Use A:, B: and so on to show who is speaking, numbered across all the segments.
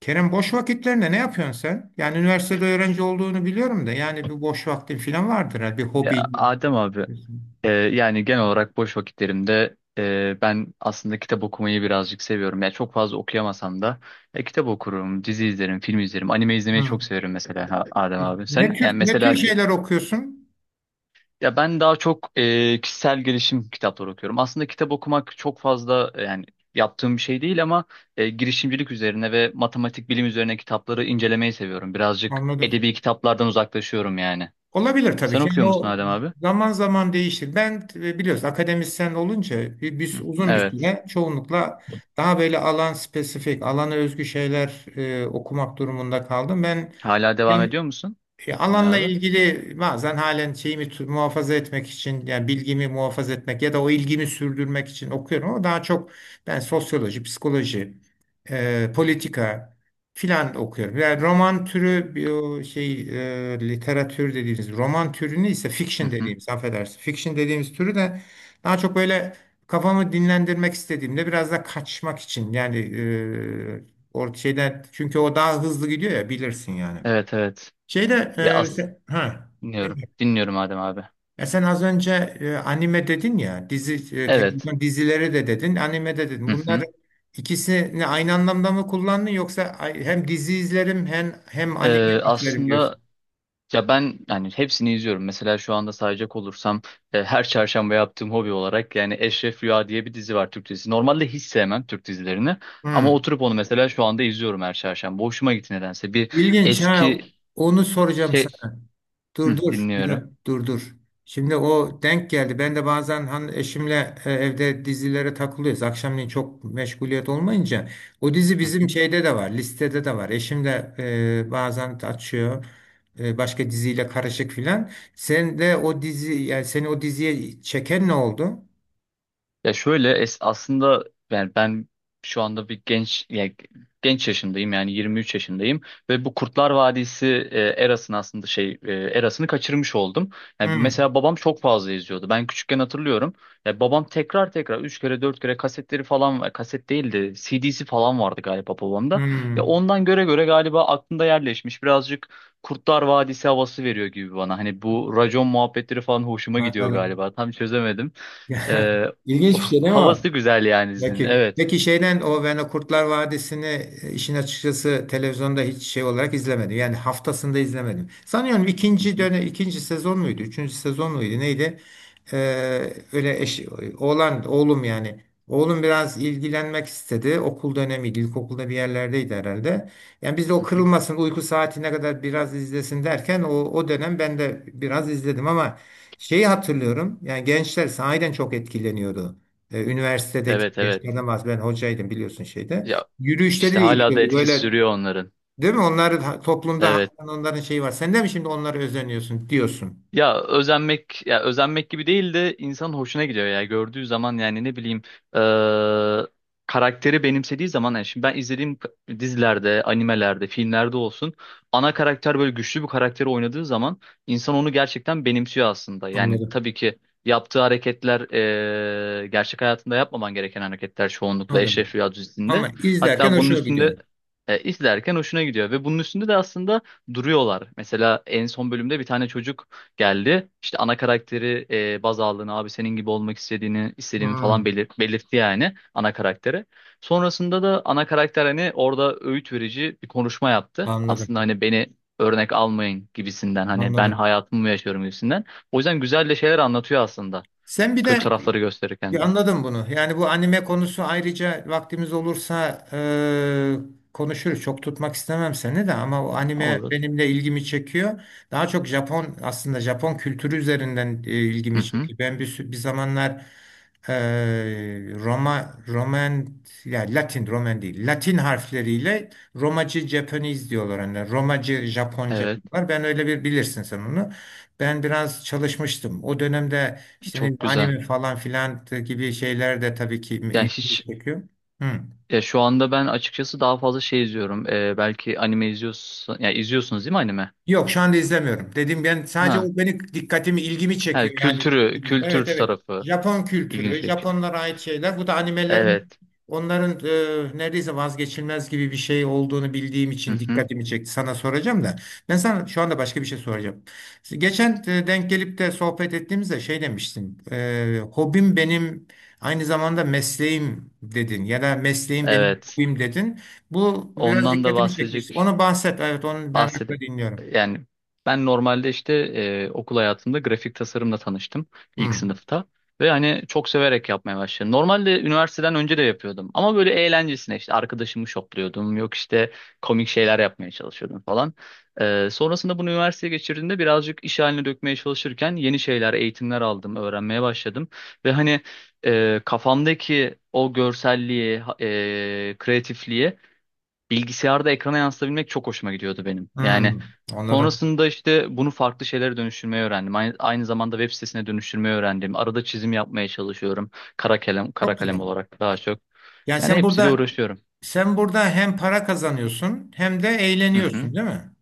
A: Kerem, boş vakitlerinde ne yapıyorsun sen? Yani üniversitede öğrenci olduğunu biliyorum da yani bir boş vaktin falan vardır, ha bir hobi.
B: Adem abi, yani genel olarak boş vakitlerimde ben aslında kitap okumayı birazcık seviyorum. Yani çok fazla okuyamasam da kitap okurum, dizi izlerim, film izlerim, anime izlemeyi
A: Hı.
B: çok severim mesela Adem abi.
A: Ne
B: Sen
A: tür
B: yani
A: ne tür
B: mesela
A: şeyler okuyorsun?
B: ya ben daha çok kişisel gelişim kitapları okuyorum. Aslında kitap okumak çok fazla yani yaptığım bir şey değil ama girişimcilik üzerine ve matematik bilim üzerine kitapları incelemeyi seviyorum. Birazcık
A: Anladım.
B: edebi kitaplardan uzaklaşıyorum yani.
A: Olabilir tabii
B: Sen
A: ki. Yani
B: okuyor musun
A: o
B: Adem abi?
A: zaman zaman değişir. Ben biliyorsun, akademisyen olunca uzun bir
B: Evet.
A: süre çoğunlukla daha böyle alan spesifik, alana özgü şeyler okumak durumunda kaldım. Ben,
B: Hala devam ediyor
A: ben
B: musun
A: E,
B: okumaya
A: alanla
B: abi?
A: ilgili bazen halen şeyimi muhafaza etmek için, yani bilgimi muhafaza etmek ya da o ilgimi sürdürmek için okuyorum, ama daha çok ben sosyoloji, psikoloji, politika filan okuyorum. Yani roman türü bir o şey, literatür dediğimiz roman türünü, ise
B: Hı
A: fiction
B: hı.
A: dediğimiz, affedersin. Fiction dediğimiz türü de daha çok böyle kafamı dinlendirmek istediğimde, biraz da kaçmak için, yani e, or şeyden, çünkü o daha hızlı gidiyor ya, bilirsin yani.
B: Evet, evet.
A: Şeyde,
B: Ya as
A: ha.
B: dinliyorum. Dinliyorum Adem abi.
A: Ya sen az önce anime dedin ya, dizi,
B: Evet.
A: televizyon dizileri de dedin, anime de
B: Hı
A: dedin. Bunlar
B: hı.
A: ikisini aynı anlamda mı kullandın, yoksa hem dizi izlerim, hem anime izlerim
B: Aslında
A: diyorsun?
B: ya ben yani hepsini izliyorum. Mesela şu anda sayacak olursam her çarşamba yaptığım hobi olarak yani Eşref Rüya diye bir dizi var, Türk dizisi. Normalde hiç sevmem Türk dizilerini, ama
A: Hmm.
B: oturup onu mesela şu anda izliyorum her çarşamba. Hoşuma gitti nedense. Bir
A: İlginç,
B: eski
A: ha. Onu soracağım
B: şey
A: sana.
B: Hı,
A: Dur dur, bir
B: dinliyorum.
A: dakika, dur dur. Şimdi o denk geldi. Ben de bazen hani eşimle evde dizilere takılıyoruz. Akşamleyin çok meşguliyet olmayınca. O dizi bizim şeyde de var, listede de var. Eşim de bazen açıyor. Başka diziyle karışık filan. Sen de o dizi, yani seni o diziye çeken ne oldu?
B: Ya şöyle aslında yani şu anda bir genç ya, genç yaşındayım yani 23 yaşındayım ve bu Kurtlar Vadisi erasını aslında erasını kaçırmış oldum. Yani
A: Hmm,
B: mesela babam çok fazla izliyordu. Ben küçükken hatırlıyorum. Ya babam tekrar 3 kere 4 kere kasetleri falan, kaset değildi. CD'si falan vardı galiba babamda. Ya
A: hmm,
B: ondan göre göre galiba aklımda yerleşmiş. Birazcık Kurtlar Vadisi havası veriyor gibi bana. Hani bu racon muhabbetleri falan hoşuma gidiyor
A: anladım.
B: galiba. Tam çözemedim. Ee,
A: İlginç bir şey değil mi o?
B: havası güzel yani izin.
A: Peki,
B: Evet.
A: peki, şeyden o, ben o Kurtlar Vadisi'ni, işin açıkçası televizyonda hiç şey olarak izlemedim. Yani haftasında izlemedim. Sanıyorum
B: Hı
A: ikinci
B: hı,
A: dönem, ikinci sezon muydu? Üçüncü sezon muydu? Neydi? Öyle eş, oğlan, oğlum yani. Oğlum biraz ilgilenmek istedi. Okul dönemiydi. İlkokulda bir yerlerdeydi herhalde. Yani biz de o
B: hı hı.
A: kırılmasın, uyku saatine kadar biraz izlesin derken o dönem ben de biraz izledim, ama şeyi hatırlıyorum. Yani gençler sahiden çok etkileniyordu. Üniversitedeki
B: Evet, evet.
A: gençlerden bahsediyorum. Ben hocaydım, biliyorsun şeyde.
B: Ya
A: Yürüyüşleri
B: işte hala da
A: değişiyordu.
B: etkisi
A: Böyle,
B: sürüyor onların.
A: değil mi? Onlar toplumda
B: Evet.
A: hakikaten onların şeyi var. Sen de mi şimdi onlara özeniyorsun diyorsun.
B: Ya özenmek, ya özenmek gibi değil de insanın hoşuna gidiyor ya gördüğü zaman yani ne bileyim, eee, karakteri benimsediği zaman yani şimdi ben izlediğim dizilerde, animelerde, filmlerde olsun, ana karakter böyle güçlü bir karakteri oynadığı zaman insan onu gerçekten benimsiyor aslında. Yani
A: Anladım.
B: tabii ki yaptığı hareketler gerçek hayatında yapmaman gereken hareketler çoğunlukla
A: Anladım.
B: Eşref Rüya dizisinde.
A: Ama izlerken
B: Hatta bunun
A: hoşuma gidiyor.
B: üstünde izlerken hoşuna gidiyor ve bunun üstünde de aslında duruyorlar. Mesela en son bölümde bir tane çocuk geldi. İşte ana karakteri baz aldığını, abi senin gibi olmak istediğini, istediğimi falan
A: Hmm,
B: belirtti yani ana karaktere. Sonrasında da ana karakter hani orada öğüt verici bir konuşma yaptı.
A: anladım.
B: Aslında hani beni örnek almayın gibisinden, hani ben
A: Anladım.
B: hayatımı mı yaşıyorum gibisinden. O yüzden güzel de şeyler anlatıyor aslında.
A: Sen bir
B: Kötü
A: de.
B: tarafları gösterirken
A: Ya,
B: de.
A: anladım bunu. Yani bu anime konusu, ayrıca vaktimiz olursa konuşuruz. Çok tutmak istemem seni de, ama o anime
B: Olur.
A: benimle ilgimi çekiyor. Daha çok Japon, aslında Japon kültürü üzerinden
B: Hı
A: ilgimi
B: hı.
A: çekiyor. Ben bir zamanlar eee Roma, Roman, ya Latin Roman değil. Latin harfleriyle Romacı Japanese diyorlar. Yani Romacı Japonca
B: Evet.
A: diyorlar. Ben öyle bir, bilirsin sen onu. Ben biraz çalışmıştım. O dönemde işte ne bileyim,
B: Çok güzel.
A: anime falan filan gibi şeyler de tabii ki
B: Yani
A: ilgimi
B: hiç
A: çekiyor. Hı.
B: ya şu anda ben açıkçası daha fazla şey izliyorum. Belki anime izliyorsun. Ya izliyorsunuz değil mi anime?
A: Yok, şu anda izlemiyorum. Dedim, ben sadece
B: Ha.
A: o beni, dikkatimi, ilgimi
B: Ha,
A: çekiyor yani.
B: kültürü, kültür
A: Evet evet.
B: tarafı
A: Japon
B: ilginç
A: kültürü,
B: şey.
A: Japonlara ait şeyler. Bu da animelerin,
B: Evet.
A: onların neredeyse vazgeçilmez gibi bir şey olduğunu bildiğim
B: Hı
A: için
B: hı.
A: dikkatimi çekti. Sana soracağım da. Ben sana şu anda başka bir şey soracağım. Geçen, denk gelip de sohbet ettiğimizde şey demiştin. Hobim benim aynı zamanda mesleğim dedin, ya da mesleğim benim
B: Evet.
A: hobim dedin. Bu biraz
B: Ondan da
A: dikkatimi çekmişti.
B: bahsedecek
A: Onu bahset. Evet, onu
B: bahsede
A: merakla dinliyorum.
B: yani ben normalde işte okul hayatımda grafik tasarımla tanıştım ilk
A: Hmm,
B: sınıfta ve hani çok severek yapmaya başladım. Normalde üniversiteden önce de yapıyordum ama böyle eğlencesine işte arkadaşımı şokluyordum, yok işte komik şeyler yapmaya çalışıyordum falan. Sonrasında bunu üniversiteye geçirdiğimde birazcık iş haline dökmeye çalışırken yeni şeyler, eğitimler aldım, öğrenmeye başladım ve hani kafamdaki o görselliği, kreatifliği bilgisayarda ekrana yansıtabilmek çok hoşuma gidiyordu benim. Yani
A: hmm, anladım.
B: sonrasında işte bunu farklı şeylere dönüştürmeyi öğrendim. Aynı zamanda web sitesine dönüştürmeyi öğrendim. Arada çizim yapmaya çalışıyorum. Kara kalem, kara
A: Çok
B: kalem
A: güzel.
B: olarak daha çok.
A: Yani
B: Yani
A: sen
B: hepsiyle
A: burada
B: uğraşıyorum.
A: sen burada hem para kazanıyorsun hem de
B: Hı hı.
A: eğleniyorsun, değil mi?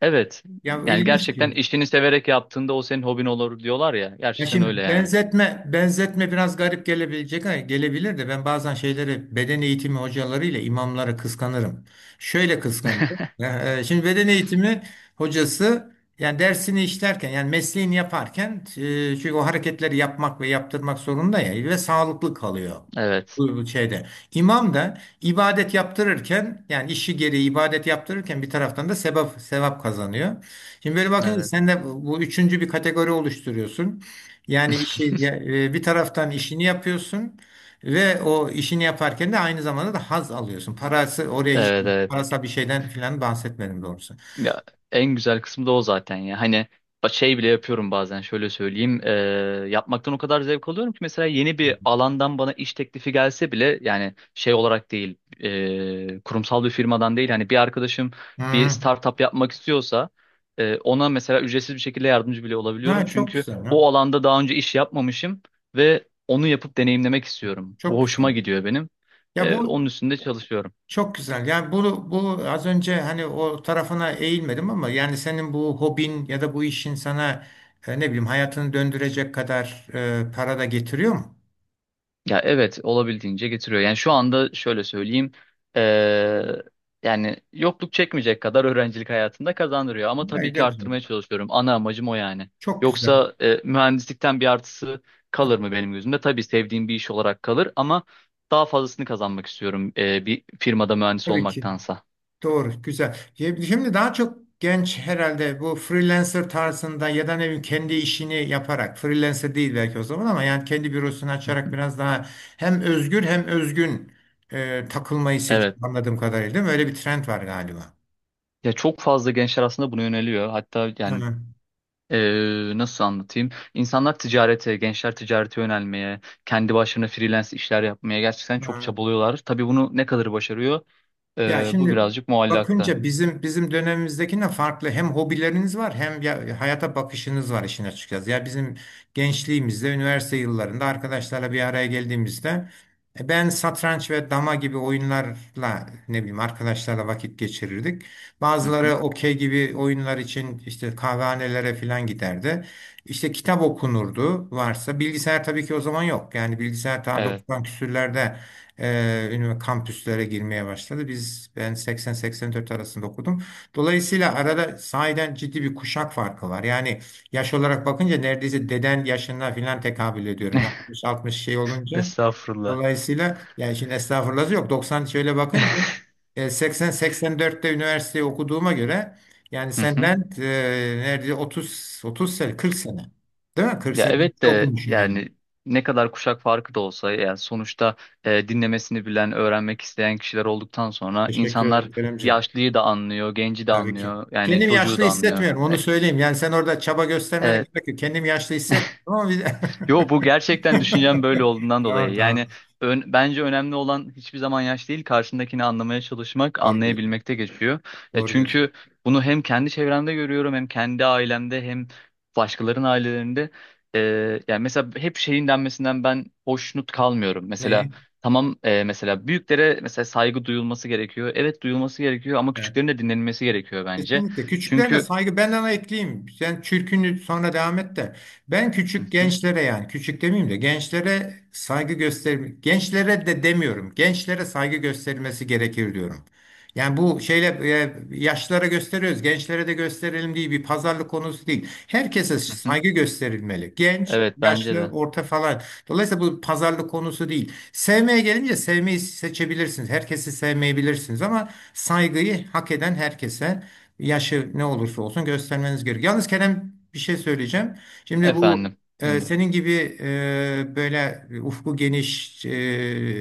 B: Evet.
A: Ya,
B: Yani
A: ilginç.
B: gerçekten işini severek yaptığında o senin hobin olur diyorlar ya.
A: Ya
B: Gerçekten öyle
A: şimdi,
B: yani.
A: benzetme benzetme biraz garip gelebilecek, ha, gelebilir de, ben bazen şeyleri, beden eğitimi hocalarıyla imamları kıskanırım. Şöyle kıskanırım. Ya, şimdi beden eğitimi hocası, yani dersini işlerken, yani mesleğini yaparken, çünkü o hareketleri yapmak ve yaptırmak zorunda ya, ve sağlıklı kalıyor.
B: Evet.
A: Bu şeyde. İmam da ibadet yaptırırken, yani işi gereği ibadet yaptırırken bir taraftan da sevap sevap kazanıyor. Şimdi böyle bakınca
B: Evet.
A: sen de bu, üçüncü bir kategori oluşturuyorsun. Yani bir taraftan işini yapıyorsun, ve o işini yaparken de aynı zamanda da haz alıyorsun. Parası oraya hiç,
B: Evet, evet.
A: parasal bir şeyden filan bahsetmedim doğrusu.
B: Ya en güzel kısmı da o zaten ya. Hani şey bile yapıyorum bazen, şöyle söyleyeyim. Yapmaktan o kadar zevk alıyorum ki mesela yeni bir alandan bana iş teklifi gelse bile, yani şey olarak değil, kurumsal bir firmadan değil. Hani bir arkadaşım bir
A: Hmm.
B: startup yapmak istiyorsa ona mesela ücretsiz bir şekilde yardımcı bile olabiliyorum.
A: Ha, çok
B: Çünkü
A: güzel ya.
B: o alanda daha önce iş yapmamışım ve onu yapıp deneyimlemek istiyorum. Bu
A: Çok güzel.
B: hoşuma gidiyor benim.
A: Ya bu
B: Onun üstünde çalışıyorum.
A: çok güzel. Yani bu az önce hani o tarafına eğilmedim ama, yani senin bu hobin ya da bu işin sana, ne bileyim, hayatını döndürecek kadar para da getiriyor mu?
B: Ya evet, olabildiğince getiriyor. Yani şu anda şöyle söyleyeyim. eee, yani yokluk çekmeyecek kadar öğrencilik hayatında kazandırıyor. Ama tabii
A: Ne de
B: ki
A: güzel.
B: arttırmaya çalışıyorum. Ana amacım o yani.
A: Çok güzel.
B: Yoksa mühendislikten bir artısı kalır mı benim gözümde? Tabii sevdiğim bir iş olarak kalır ama daha fazlasını kazanmak istiyorum bir firmada mühendis
A: Tabii ki.
B: olmaktansa.
A: Doğru, güzel. Şimdi daha çok genç herhalde, bu freelancer tarzında ya da ne bileyim kendi işini yaparak, freelancer değil belki o zaman, ama yani kendi bürosunu açarak biraz daha hem özgür hem özgün, takılmayı seçiyor
B: Evet.
A: anladığım kadarıyla, değil mi? Öyle bir trend var galiba.
B: Ya çok fazla gençler aslında buna yöneliyor. Hatta yani
A: Hı,
B: Nasıl anlatayım? İnsanlar ticarete, gençler ticarete yönelmeye, kendi başlarına freelance işler yapmaya gerçekten çok
A: hı.
B: çabalıyorlar. Tabii bunu ne kadar başarıyor?
A: Ya
B: Bu
A: şimdi
B: birazcık muallakta.
A: bakınca, bizim dönemimizdekine farklı hem hobileriniz var, hem ya hayata bakışınız var, işin açıkçası. Ya bizim gençliğimizde, üniversite yıllarında arkadaşlarla bir araya geldiğimizde, ben satranç ve dama gibi oyunlarla, ne bileyim, arkadaşlarla vakit geçirirdik.
B: Hı
A: Bazıları
B: hı.
A: okey gibi oyunlar için işte kahvehanelere falan giderdi. İşte kitap okunurdu, varsa bilgisayar, tabii ki o zaman yok. Yani bilgisayar ta
B: Evet.
A: 90 küsürlerde kampüslere girmeye başladı. Ben 80-84 arasında okudum. Dolayısıyla arada sahiden ciddi bir kuşak farkı var. Yani yaş olarak bakınca neredeyse deden yaşına filan tekabül ediyorum. 60-60 şey olunca.
B: Estağfurullah.
A: Dolayısıyla, yani şimdi estağfurullah yok, 90 şöyle bakınca, 80-84'te üniversiteyi okuduğuma göre, yani
B: Hı hı.
A: senden, neredeyse 30 30 sene, 40 sene. Değil mi? 40
B: Ya
A: sene önce
B: evet de
A: okumuşsun yani.
B: yani ne kadar kuşak farkı da olsa yani sonuçta dinlemesini bilen, öğrenmek isteyen kişiler olduktan sonra
A: Teşekkür
B: insanlar
A: ederim Keremciğim.
B: yaşlıyı da anlıyor, genci de
A: Tabii ki.
B: anlıyor, yani
A: Kendim
B: çocuğu
A: yaşlı
B: da anlıyor.
A: hissetmiyorum, onu söyleyeyim. Yani sen orada çaba göstermene
B: E,
A: gerek yok. Kendim yaşlı hissetmiyorum ama biz...
B: Yo, bu gerçekten düşüncem böyle olduğundan
A: Tamam
B: dolayı.
A: tamam.
B: Yani bence önemli olan hiçbir zaman yaş değil, karşındakini anlamaya çalışmak,
A: Doğru diyorsun.
B: anlayabilmekte geçiyor. Ya
A: Doğru diyorsun.
B: çünkü bunu hem kendi çevremde görüyorum, hem kendi ailemde, hem başkalarının ailelerinde. Ee, yani mesela hep şeyin denmesinden ben hoşnut kalmıyorum. Mesela
A: Neyi?
B: tamam, mesela büyüklere mesela saygı duyulması gerekiyor. Evet, duyulması gerekiyor ama küçüklerin de dinlenilmesi gerekiyor bence.
A: Kesinlikle. Küçüklere de
B: Çünkü
A: saygı. Ben ona ekleyeyim. Sen çürkünü sonra devam et de. Ben
B: Hı
A: küçük
B: hı,
A: gençlere, yani küçük demeyeyim de, gençlere saygı göster. Gençlere de demiyorum. Gençlere saygı gösterilmesi gerekir diyorum. Yani bu şeyle yaşlara gösteriyoruz, gençlere de gösterelim diye bir pazarlık konusu değil. Herkese
B: hı hı.
A: saygı gösterilmeli. Genç,
B: Evet, bence
A: yaşlı,
B: de.
A: orta falan. Dolayısıyla bu pazarlık konusu değil. Sevmeye gelince, sevmeyi seçebilirsiniz. Herkesi sevmeyebilirsiniz ama saygıyı hak eden herkese, yaşı ne olursa olsun göstermeniz gerekiyor. Yalnız Kerem, bir şey söyleyeceğim. Şimdi bu,
B: Efendim. Dinliyorum.
A: senin gibi, böyle ufku geniş,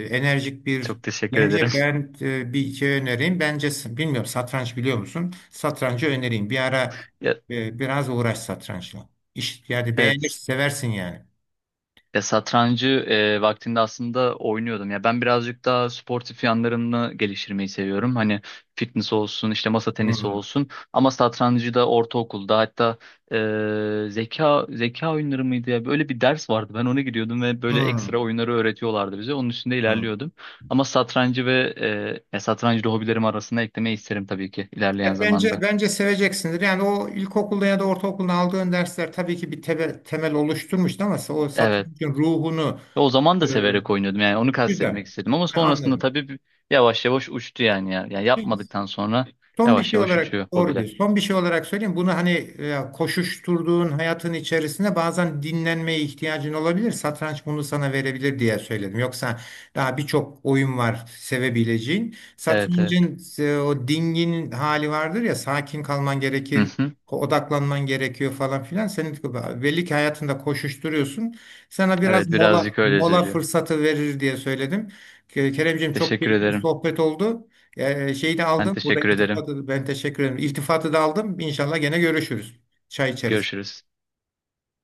A: enerjik bir
B: Çok teşekkür ederim.
A: gence ben bir şey önereyim. Bence bilmiyorum, satranç biliyor musun? Satrancı önereyim. Bir ara
B: Ya,
A: biraz uğraş satrançla. İş, yani beğenir,
B: evet.
A: seversin yani.
B: Ya satrancı vaktinde aslında oynuyordum. Ya ben birazcık daha sportif yanlarını geliştirmeyi seviyorum. Hani fitness olsun, işte masa tenisi
A: Hmm.
B: olsun. Ama satrancı da ortaokulda, hatta zeka oyunları mıydı ya? Böyle bir ders vardı. Ben ona gidiyordum ve böyle ekstra oyunları öğretiyorlardı bize. Onun üstünde
A: Hmm.
B: ilerliyordum. Ama satrancı ve e, ya satrancı da hobilerim arasına eklemeyi isterim tabii ki ilerleyen
A: Evet, Bence
B: zamanda.
A: bence seveceksindir. Yani o ilkokulda ya da ortaokulda aldığın dersler tabii ki bir temel oluşturmuştu, ama o
B: Evet.
A: satrançın ruhunu
B: Ve o zaman da
A: e,
B: severek oynuyordum, yani onu kastetmek
A: güzel.
B: istedim ama
A: Ben
B: sonrasında
A: anladım.
B: tabii yavaş yavaş uçtu yani ya. Yani
A: Şimdi.
B: yapmadıktan sonra
A: Son bir
B: yavaş
A: şey
B: yavaş
A: olarak,
B: uçuyor
A: doğru
B: hobiler.
A: diyorsun. Son bir şey olarak söyleyeyim. Bunu hani koşuşturduğun hayatın içerisinde bazen dinlenmeye ihtiyacın olabilir. Satranç bunu sana verebilir diye söyledim. Yoksa daha birçok oyun var sevebileceğin.
B: Evet, evet.
A: Satrancın o dingin hali vardır ya, sakin kalman
B: Hı
A: gerekir.
B: hı.
A: Odaklanman gerekiyor falan filan. Senin belli ki hayatında koşuşturuyorsun. Sana biraz
B: Evet,
A: mola
B: birazcık öyle
A: mola
B: söylüyor.
A: fırsatı verir diye söyledim. Keremciğim, çok
B: Teşekkür
A: keyifli bir
B: ederim.
A: sohbet oldu. Şeyi de
B: Ben
A: aldım. Burada
B: teşekkür ederim.
A: iltifatı ben, teşekkür ederim. İltifatı da aldım. İnşallah gene görüşürüz. Çay içeriz.
B: Görüşürüz.